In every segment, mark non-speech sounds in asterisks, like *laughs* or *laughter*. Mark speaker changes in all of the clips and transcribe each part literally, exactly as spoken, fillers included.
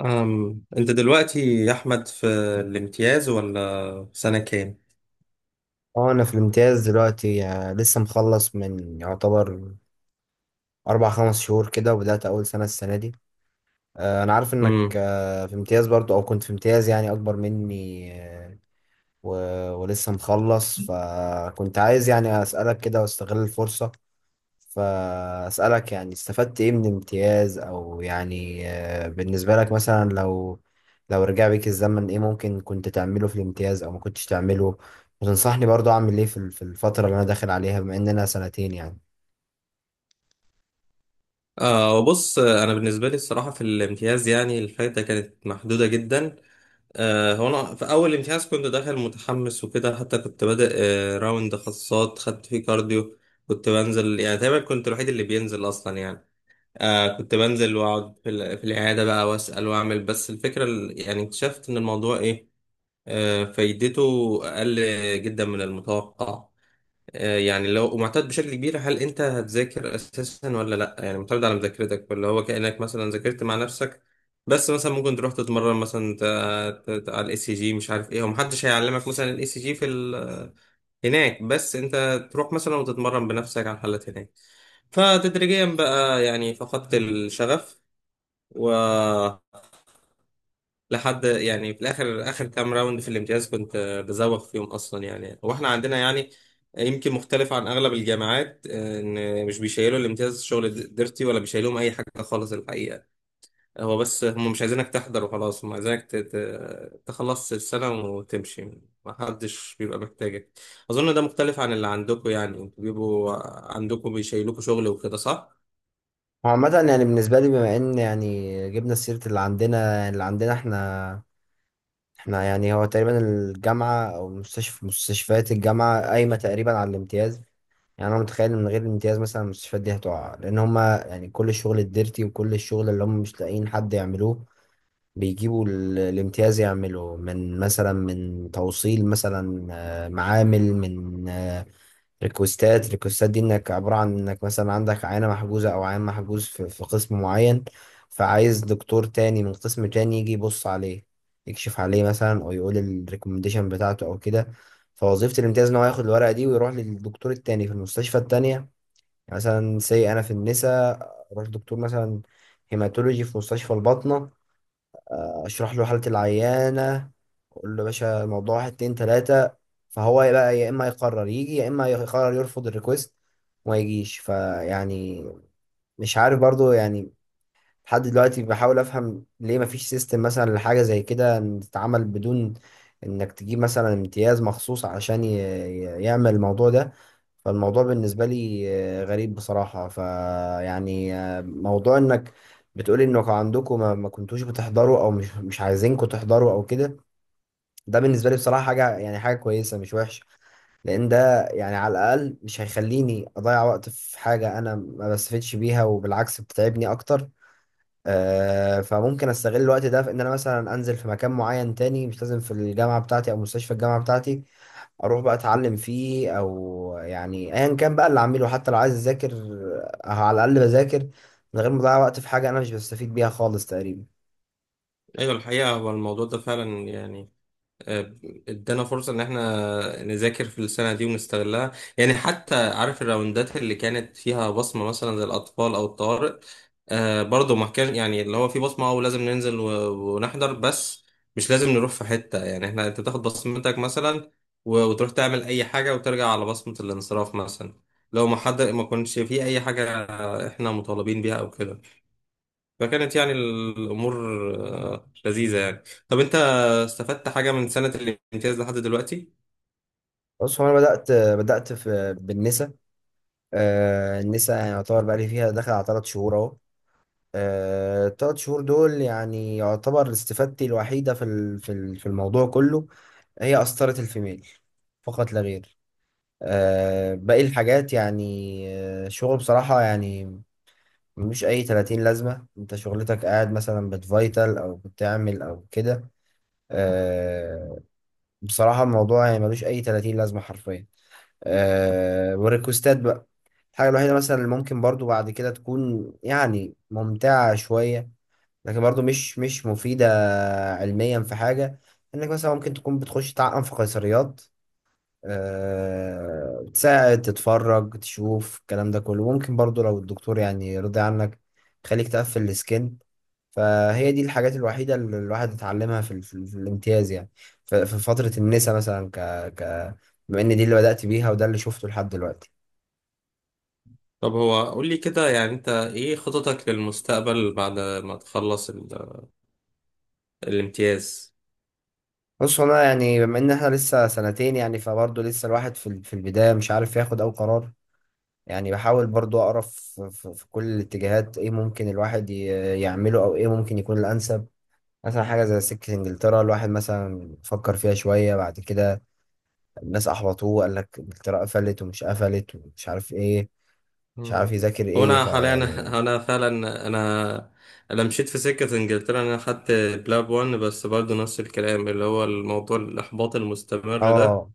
Speaker 1: أم. انت دلوقتي يا احمد في الامتياز ولا سنة كام؟
Speaker 2: اه، انا في الامتياز دلوقتي، آه، لسه مخلص من يعتبر اربع خمس شهور كده، وبدأت اول سنة السنة دي. آه، انا عارف انك
Speaker 1: امم
Speaker 2: آه، في امتياز برضو، او كنت في امتياز يعني اكبر مني، آه، و- ولسه مخلص. فكنت عايز يعني اسألك كده واستغل الفرصة، فأسألك يعني استفدت إيه من الامتياز، أو يعني آه، بالنسبة لك، مثلا لو لو رجع بيك الزمن، إيه ممكن كنت تعمله في الامتياز أو ما كنتش تعمله، وتنصحني برضو أعمل إيه في ال- في الفترة اللي أنا داخل عليها، بما إن أنا سنتين يعني.
Speaker 1: آه بص انا بالنسبة لي الصراحة في الامتياز يعني الفايدة كانت محدودة جدا. آه هو انا في اول امتياز كنت داخل متحمس وكده، حتى كنت بادئ آه راوند خاصات خدت فيه كارديو. كنت بنزل، يعني تقريبا كنت الوحيد اللي بينزل اصلا يعني. آه كنت بنزل واقعد في, ال- في العيادة بقى واسأل واعمل، بس الفكرة ال- يعني اكتشفت ان الموضوع ايه، آه فايدته اقل جدا من المتوقع. آه، يعني لو معتاد بشكل كبير، هل انت هتذاكر اساسا ولا لا؟ يعني معتمد على مذاكرتك، ولا هو كأنك مثلا ذاكرت مع نفسك، بس مثلا ممكن تروح تتمرن مثلا ت- ت- ت- على الاي سي جي، مش عارف ايه. ومحدش هيعلمك مثلا الاي سي جي في ال... هناك، بس انت تروح مثلا وتتمرن بنفسك على الحالات هناك. فتدريجيا بقى يعني فقدت الشغف، لحد يعني في الاخر اخر كام راوند في الامتياز كنت آه، بزوغ فيهم اصلا يعني. واحنا عندنا يعني يمكن مختلف عن اغلب الجامعات، آه، ان مش بيشيلوا الامتياز شغل د- ديرتي ولا بيشيلوهم اي حاجه خالص الحقيقه. هو بس هم مش عايزينك تحضر وخلاص، هم عايزينك ت- ت- تخلص السنه وتمشي. ما حدش بيبقى محتاجك. اظن ده مختلف عن اللي عندكم، يعني انتوا بيبقوا عندكم بيشيلوكوا شغل وكده، صح؟
Speaker 2: هو عامة يعني بالنسبة لي، بما إن يعني جبنا سيرة اللي عندنا اللي عندنا إحنا إحنا يعني، هو تقريبا الجامعة أو مستشفى مستشفيات الجامعة قايمة تقريبا على الامتياز. يعني انا متخيل إن من غير الامتياز، مثلا، المستشفيات دي هتقع، لان هما يعني كل الشغل الديرتي وكل الشغل اللي هم مش لاقيين حد يعملوه بيجيبوا ال- الامتياز يعمله، من مثلا من توصيل مثلا آه، معامل، من آه، ريكوستات. ريكوستات دي انك عبارة عن انك مثلا عندك عينة محجوزة او عيان محجوز في في قسم معين، فعايز دكتور تاني من قسم تاني يجي يبص عليه، يكشف عليه مثلا، او يقول الريكومنديشن بتاعته او كده. فوظيفة الامتياز ان هو ياخد الورقة دي ويروح للدكتور التاني في المستشفى التانية، مثلا سي انا في النساء، اروح دكتور مثلا هيماتولوجي في مستشفى الباطنة، اشرح له حالة العيانة، اقول له يا باشا الموضوع واحد اتنين تلاتة، فهو بقى يا اما يقرر يجي يا اما يقرر يرفض الريكوست وما يجيش. فيعني مش عارف برضو يعني، لحد دلوقتي بحاول افهم ليه مفيش سيستم مثلا لحاجة زي كده، إن تتعمل بدون انك تجيب مثلا امتياز مخصوص عشان ي- ي- يعمل الموضوع ده. فالموضوع بالنسبة لي آه، غريب بصراحة، فيعني موضوع انك بتقولي انكم عندكم ما ما كنتوش بتحضروا، او مش مش عايزينكم تحضروا او كده، ده بالنسبة لي بصراحة حاجة، يعني حاجة كويسة مش وحشة، لان ده يعني على الاقل مش هيخليني اضيع وقت في حاجة انا ما بستفدش بيها وبالعكس بتتعبني اكتر. آه، فممكن استغل الوقت ده في ان انا مثلا انزل في مكان معين تاني، مش لازم في الجامعة بتاعتي او مستشفى الجامعة بتاعتي، اروح بقى اتعلم فيه، او يعني ايا كان بقى اللي اعمله، حتى لو عايز اذاكر أه على الاقل بذاكر من غير ما اضيع وقت في حاجه انا مش بستفيد بيها خالص تقريبا.
Speaker 1: ايوه الحقيقه هو الموضوع ده فعلا يعني آه، ادانا فرصة ان احنا نذاكر في السنة دي ونستغلها. يعني حتى عارف الراوندات اللي كانت فيها بصمة مثلا زي الأطفال أو الطوارئ، آه برضه ما كان يعني اللي هو في بصمة أو لازم ننزل و- ونحضر، بس مش لازم نروح في حتة يعني. احنا انت تاخد بصمتك مثلا و- وتروح تعمل أي حاجة وترجع على بصمة الانصراف مثلا، لو ما حد ما كنش في أي حاجة احنا مطالبين بيها أو كده. فكانت يعني الأمور آه، لذيذة يعني. طب أنت استفدت حاجة من سنة الامتياز لحد دلوقتي؟
Speaker 2: بص هو انا بدات بدات في بالنسا، آه النسا يعني يعتبر بقى لي فيها داخل على ثلاث شهور اهو. آه، التلات شهور دول يعني يعتبر استفادتي الوحيدة في ال- في ال- في الموضوع كله، هي قسطرة الفيميل فقط لا غير. آه، باقي الحاجات يعني آه، شغل بصراحة يعني، مش اي ثلاثين لازمه، انت شغلتك قاعد مثلا بتفايتل او بتعمل او كده. أه بصراحه الموضوع يعني ملوش اي ثلاثين لازمه حرفيا. أه والريكوستات بقى، الحاجه الوحيده مثلا اللي ممكن برضو بعد كده تكون يعني ممتعه شويه، لكن برضو مش مش مفيده علميا في حاجه، انك مثلا ممكن تكون بتخش تعقم في قيصريات، آه، تساعد تتفرج تشوف الكلام ده كله، ممكن برضو لو الدكتور يعني رضي عنك خليك تقفل السكين. فهي دي الحاجات الوحيدة اللي الواحد اتعلمها في, ال- في, ال- في الامتياز يعني، ف- في فترة النسا مثلا ك, ك بما ان دي اللي بدأت بيها وده اللي شفته لحد دلوقتي.
Speaker 1: طب هو قول لي كده، يعني أنت إيه خططك للمستقبل بعد ما تخلص ال- الامتياز؟
Speaker 2: بص انا يعني بما ان احنا لسه سنتين يعني فبرضه لسه الواحد في ال- في البداية، مش عارف ياخد او قرار، يعني بحاول برضه اقرا في, في, في كل الاتجاهات ايه ممكن الواحد ي- يعمله، او ايه ممكن يكون الانسب. مثلا حاجة زي سكة انجلترا الواحد مثلا فكر فيها شوية، بعد كده الناس احبطوه قال لك انجلترا قفلت ومش قفلت ومش عارف ايه، مش عارف
Speaker 1: مم.
Speaker 2: يذاكر
Speaker 1: هو
Speaker 2: ايه
Speaker 1: أنا حاليا،
Speaker 2: فيعني.
Speaker 1: *laughs* أنا فعلا، أنا أنا مشيت في سكة إنجلترا. أنا خدت بلاب واحد، بس برضه نفس الكلام اللي هو الموضوع الإحباط المستمر ده.
Speaker 2: اه،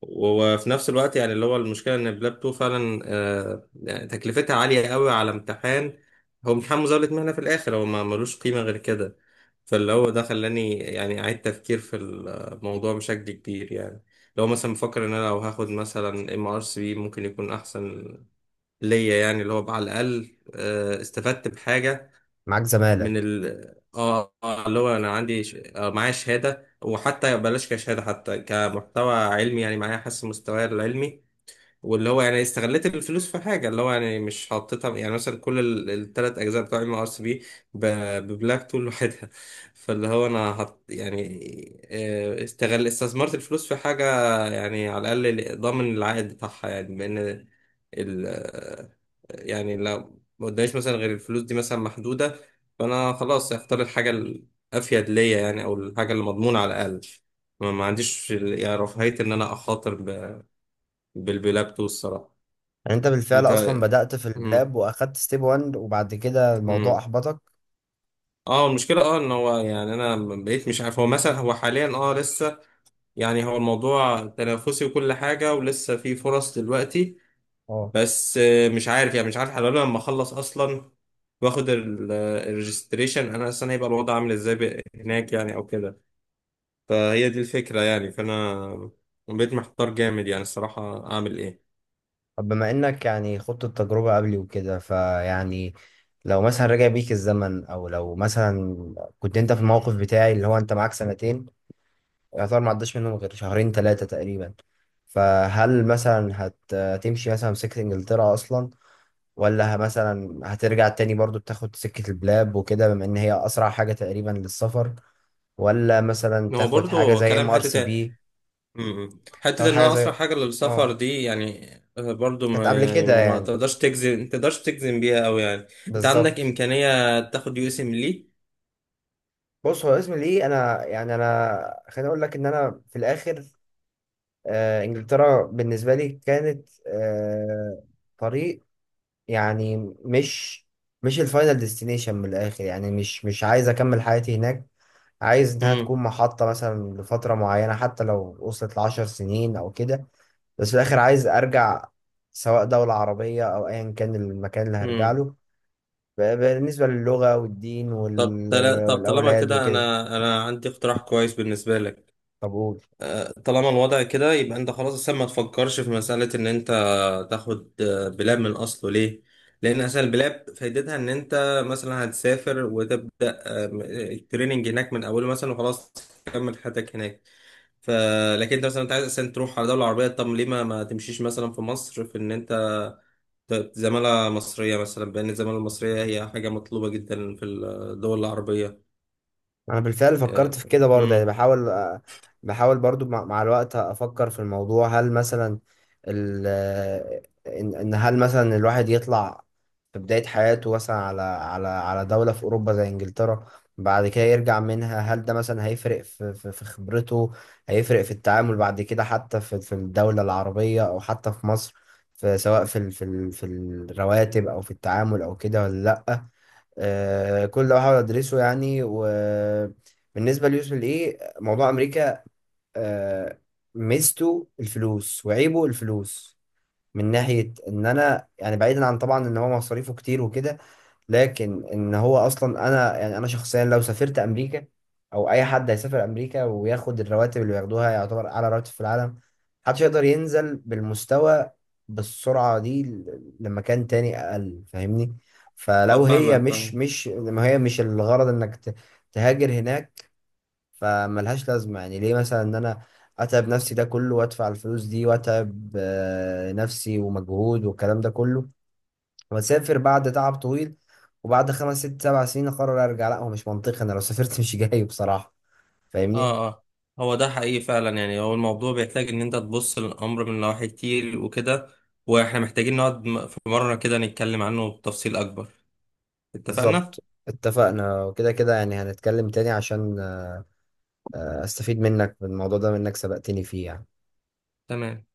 Speaker 1: وفي نفس الوقت يعني اللي هو المشكلة إن بلاب اتنين فعلا آه، يعني تكلفتها عالية قوي على امتحان. هو امتحان مزاولة مهنة في الآخر، هو ما ملوش قيمة غير كده. فاللي هو ده خلاني يعني أعيد تفكير في الموضوع بشكل كبير يعني. لو مثلا بفكر إن أنا لو هاخد مثلا ام ار سي بي ممكن يكون أحسن ليا، يعني اللي هو على الأقل آه، استفدت بحاجة
Speaker 2: معاك زمالة؟
Speaker 1: من ال، اه. آه، اللي هو انا عندي ش... آه، معايا شهاده، وحتى بلاش كشهاده، حتى كمحتوى علمي يعني معايا، حاسس مستواي العلمي. واللي هو يعني استغليت الفلوس في حاجه، اللي هو يعني مش حطيتها يعني مثلا كل الثلاث اجزاء بتوع ام ار سي بي ببلاك تول لوحدها. *laughs* فاللي هو انا حط يعني آه، استغل استثمرت الفلوس في حاجه يعني على الاقل ضامن العائد بتاعها، يعني بان يعني لو ما قداميش مثلا غير الفلوس دي مثلا محدودة، فأنا خلاص هختار الحاجة الأفيد ليا، يعني أو الحاجة اللي مضمونة على الأقل. ما ما عنديش ال- يعني رفاهية إن أنا أخاطر ب- بالبلابتو الصراحة.
Speaker 2: يعني انت بالفعل
Speaker 1: أنت.
Speaker 2: اصلا بدأت في
Speaker 1: مم.
Speaker 2: البلاب واخدت ستيب واحد وبعد كده الموضوع
Speaker 1: مم.
Speaker 2: احبطك،
Speaker 1: اه المشكلة اه ان هو يعني انا بقيت مش عارف، هو مثلا هو حاليا اه لسه يعني هو الموضوع تنافسي وكل حاجة ولسه في فرص دلوقتي.
Speaker 2: اه.
Speaker 1: بس آه، مش عارف، يعني مش عارف حلو لما اخلص اصلا واخد الريجستريشن، انا اصلا هيبقى الوضع عامل ازاي ب- هناك يعني او كده. فهي دي الفكره يعني، فانا بقيت محتار جامد يعني الصراحه اعمل ايه.
Speaker 2: طب بما انك يعني خضت التجربة قبلي وكده، فيعني لو مثلا رجع بيك الزمن او لو مثلا كنت انت في الموقف بتاعي، اللي هو انت معاك سنتين، يعتبر ما عداش منهم غير شهرين ثلاثة تقريبا، فهل مثلا هت... هتمشي مثلا في سكة انجلترا اصلا؟ ولا ه- مثلا هترجع تاني برضو تاخد سكة البلاد وكده، بما ان هي اسرع حاجة تقريبا للسفر؟ ولا مثلا
Speaker 1: إن هو
Speaker 2: تاخد حاجة
Speaker 1: برضو
Speaker 2: زي
Speaker 1: كلام
Speaker 2: ام ار سي
Speaker 1: حته.
Speaker 2: بي،
Speaker 1: امم، حته
Speaker 2: تاخد
Speaker 1: ان
Speaker 2: حاجة
Speaker 1: انا اسرع
Speaker 2: زي
Speaker 1: حاجه للسفر
Speaker 2: اه
Speaker 1: دي يعني آه، برضو
Speaker 2: كانت
Speaker 1: ما
Speaker 2: قبل
Speaker 1: يعني
Speaker 2: كده
Speaker 1: ما
Speaker 2: يعني،
Speaker 1: تقدرش تجزم ما تقدرش تجزم بيها قوي يعني. انت عندك
Speaker 2: بالظبط.
Speaker 1: امكانيه تاخد يو اس ام لي؟
Speaker 2: بص هو اسم ليه، انا يعني انا خليني اقول لك ان انا في الاخر آه انجلترا بالنسبة لي كانت آه طريق، يعني مش مش الفاينل ديستنيشن من الاخر، يعني مش مش عايز اكمل حياتي هناك، عايز انها تكون محطة مثلا لفترة معينة حتى لو وصلت لعشر سنين او كده، بس في الاخر عايز ارجع، سواء دولة عربية او ايا كان المكان اللي هرجع
Speaker 1: امم.
Speaker 2: له، ب- بالنسبة للغة والدين
Speaker 1: طب
Speaker 2: وال-
Speaker 1: تلا... طب طالما
Speaker 2: والاولاد
Speaker 1: كده،
Speaker 2: وكده.
Speaker 1: انا انا عندي اقتراح كويس بالنسبه لك.
Speaker 2: طب قول.
Speaker 1: آه، طالما الوضع كده يبقى انت خلاص اصلا ما تفكرش في مساله ان انت تاخد آه، بلاب من اصله ليه. لان اصلا البلاب فايدتها ان انت مثلا هتسافر وتبدا آه، م- التريننج هناك من اوله مثلا وخلاص تكمل حياتك هناك. ف، لكن انت مثلا انت عايز اصلا تروح على دوله عربيه، طب ليه ما, ما تمشيش مثلا في مصر في ان انت ت- زماله مصريه مثلا، بان الزماله المصريه هي حاجه مطلوبه جدا في الدول العربيه.
Speaker 2: انا بالفعل فكرت في كده برضه يعني،
Speaker 1: امم.
Speaker 2: بحاول آه، بحاول برضه مع مع الوقت افكر في الموضوع، هل مثلا ال آه، ان إن هل مثلا الواحد يطلع في بداية حياته مثلا على على على دولة في اوروبا زي انجلترا بعد كده يرجع منها، هل ده مثلا هيفرق في في في خبرته، هيفرق في التعامل بعد كده، حتى في في الدولة العربية او حتى في مصر، في سواء في ال- في ال- في الرواتب او في التعامل او كده ولا لا. آه، كل ده بحاول ادرسه يعني، وبالنسبه ليوسف الايه موضوع امريكا، آه، ميزته الفلوس وعيبه الفلوس، من ناحيه ان انا يعني بعيدا عن طبعا ان هو مصاريفه كتير وكده، لكن ان هو اصلا انا يعني انا شخصيا لو سافرت امريكا او اي حد هيسافر امريكا وياخد الرواتب اللي بياخدوها يعتبر اعلى راتب في العالم، محدش يقدر ينزل بالمستوى بالسرعة دي ل- لمكان تاني اقل، فاهمني؟
Speaker 1: اه
Speaker 2: فلو هي
Speaker 1: فاهمك،
Speaker 2: مش
Speaker 1: فاهم.
Speaker 2: مش ما هي مش الغرض انك ت- تهاجر هناك، فملهاش لازمة، يعني ليه مثلا ان انا اتعب نفسي ده كله وادفع الفلوس دي واتعب آه، نفسي ومجهود والكلام ده كله، واسافر بعد تعب طويل، وبعد خمس ست سبع سنين اقرر ارجع؟ لا، هو مش منطقي، انا لو سافرت مش جاي بصراحة، فاهمني؟
Speaker 1: اه اه، هو ده حقيقي فعلا يعني. هو الموضوع بيحتاج ان انت تبص للامر من نواحي كتير وكده، واحنا محتاجين نقعد م- في مرة كده نتكلم عنه بتفصيل اكبر. اتفقنا؟
Speaker 2: بالظبط، اتفقنا. وكده كده يعني هنتكلم تاني عشان آه، استفيد منك بالموضوع ده، منك سبقتني فيه يعني.
Speaker 1: تمام.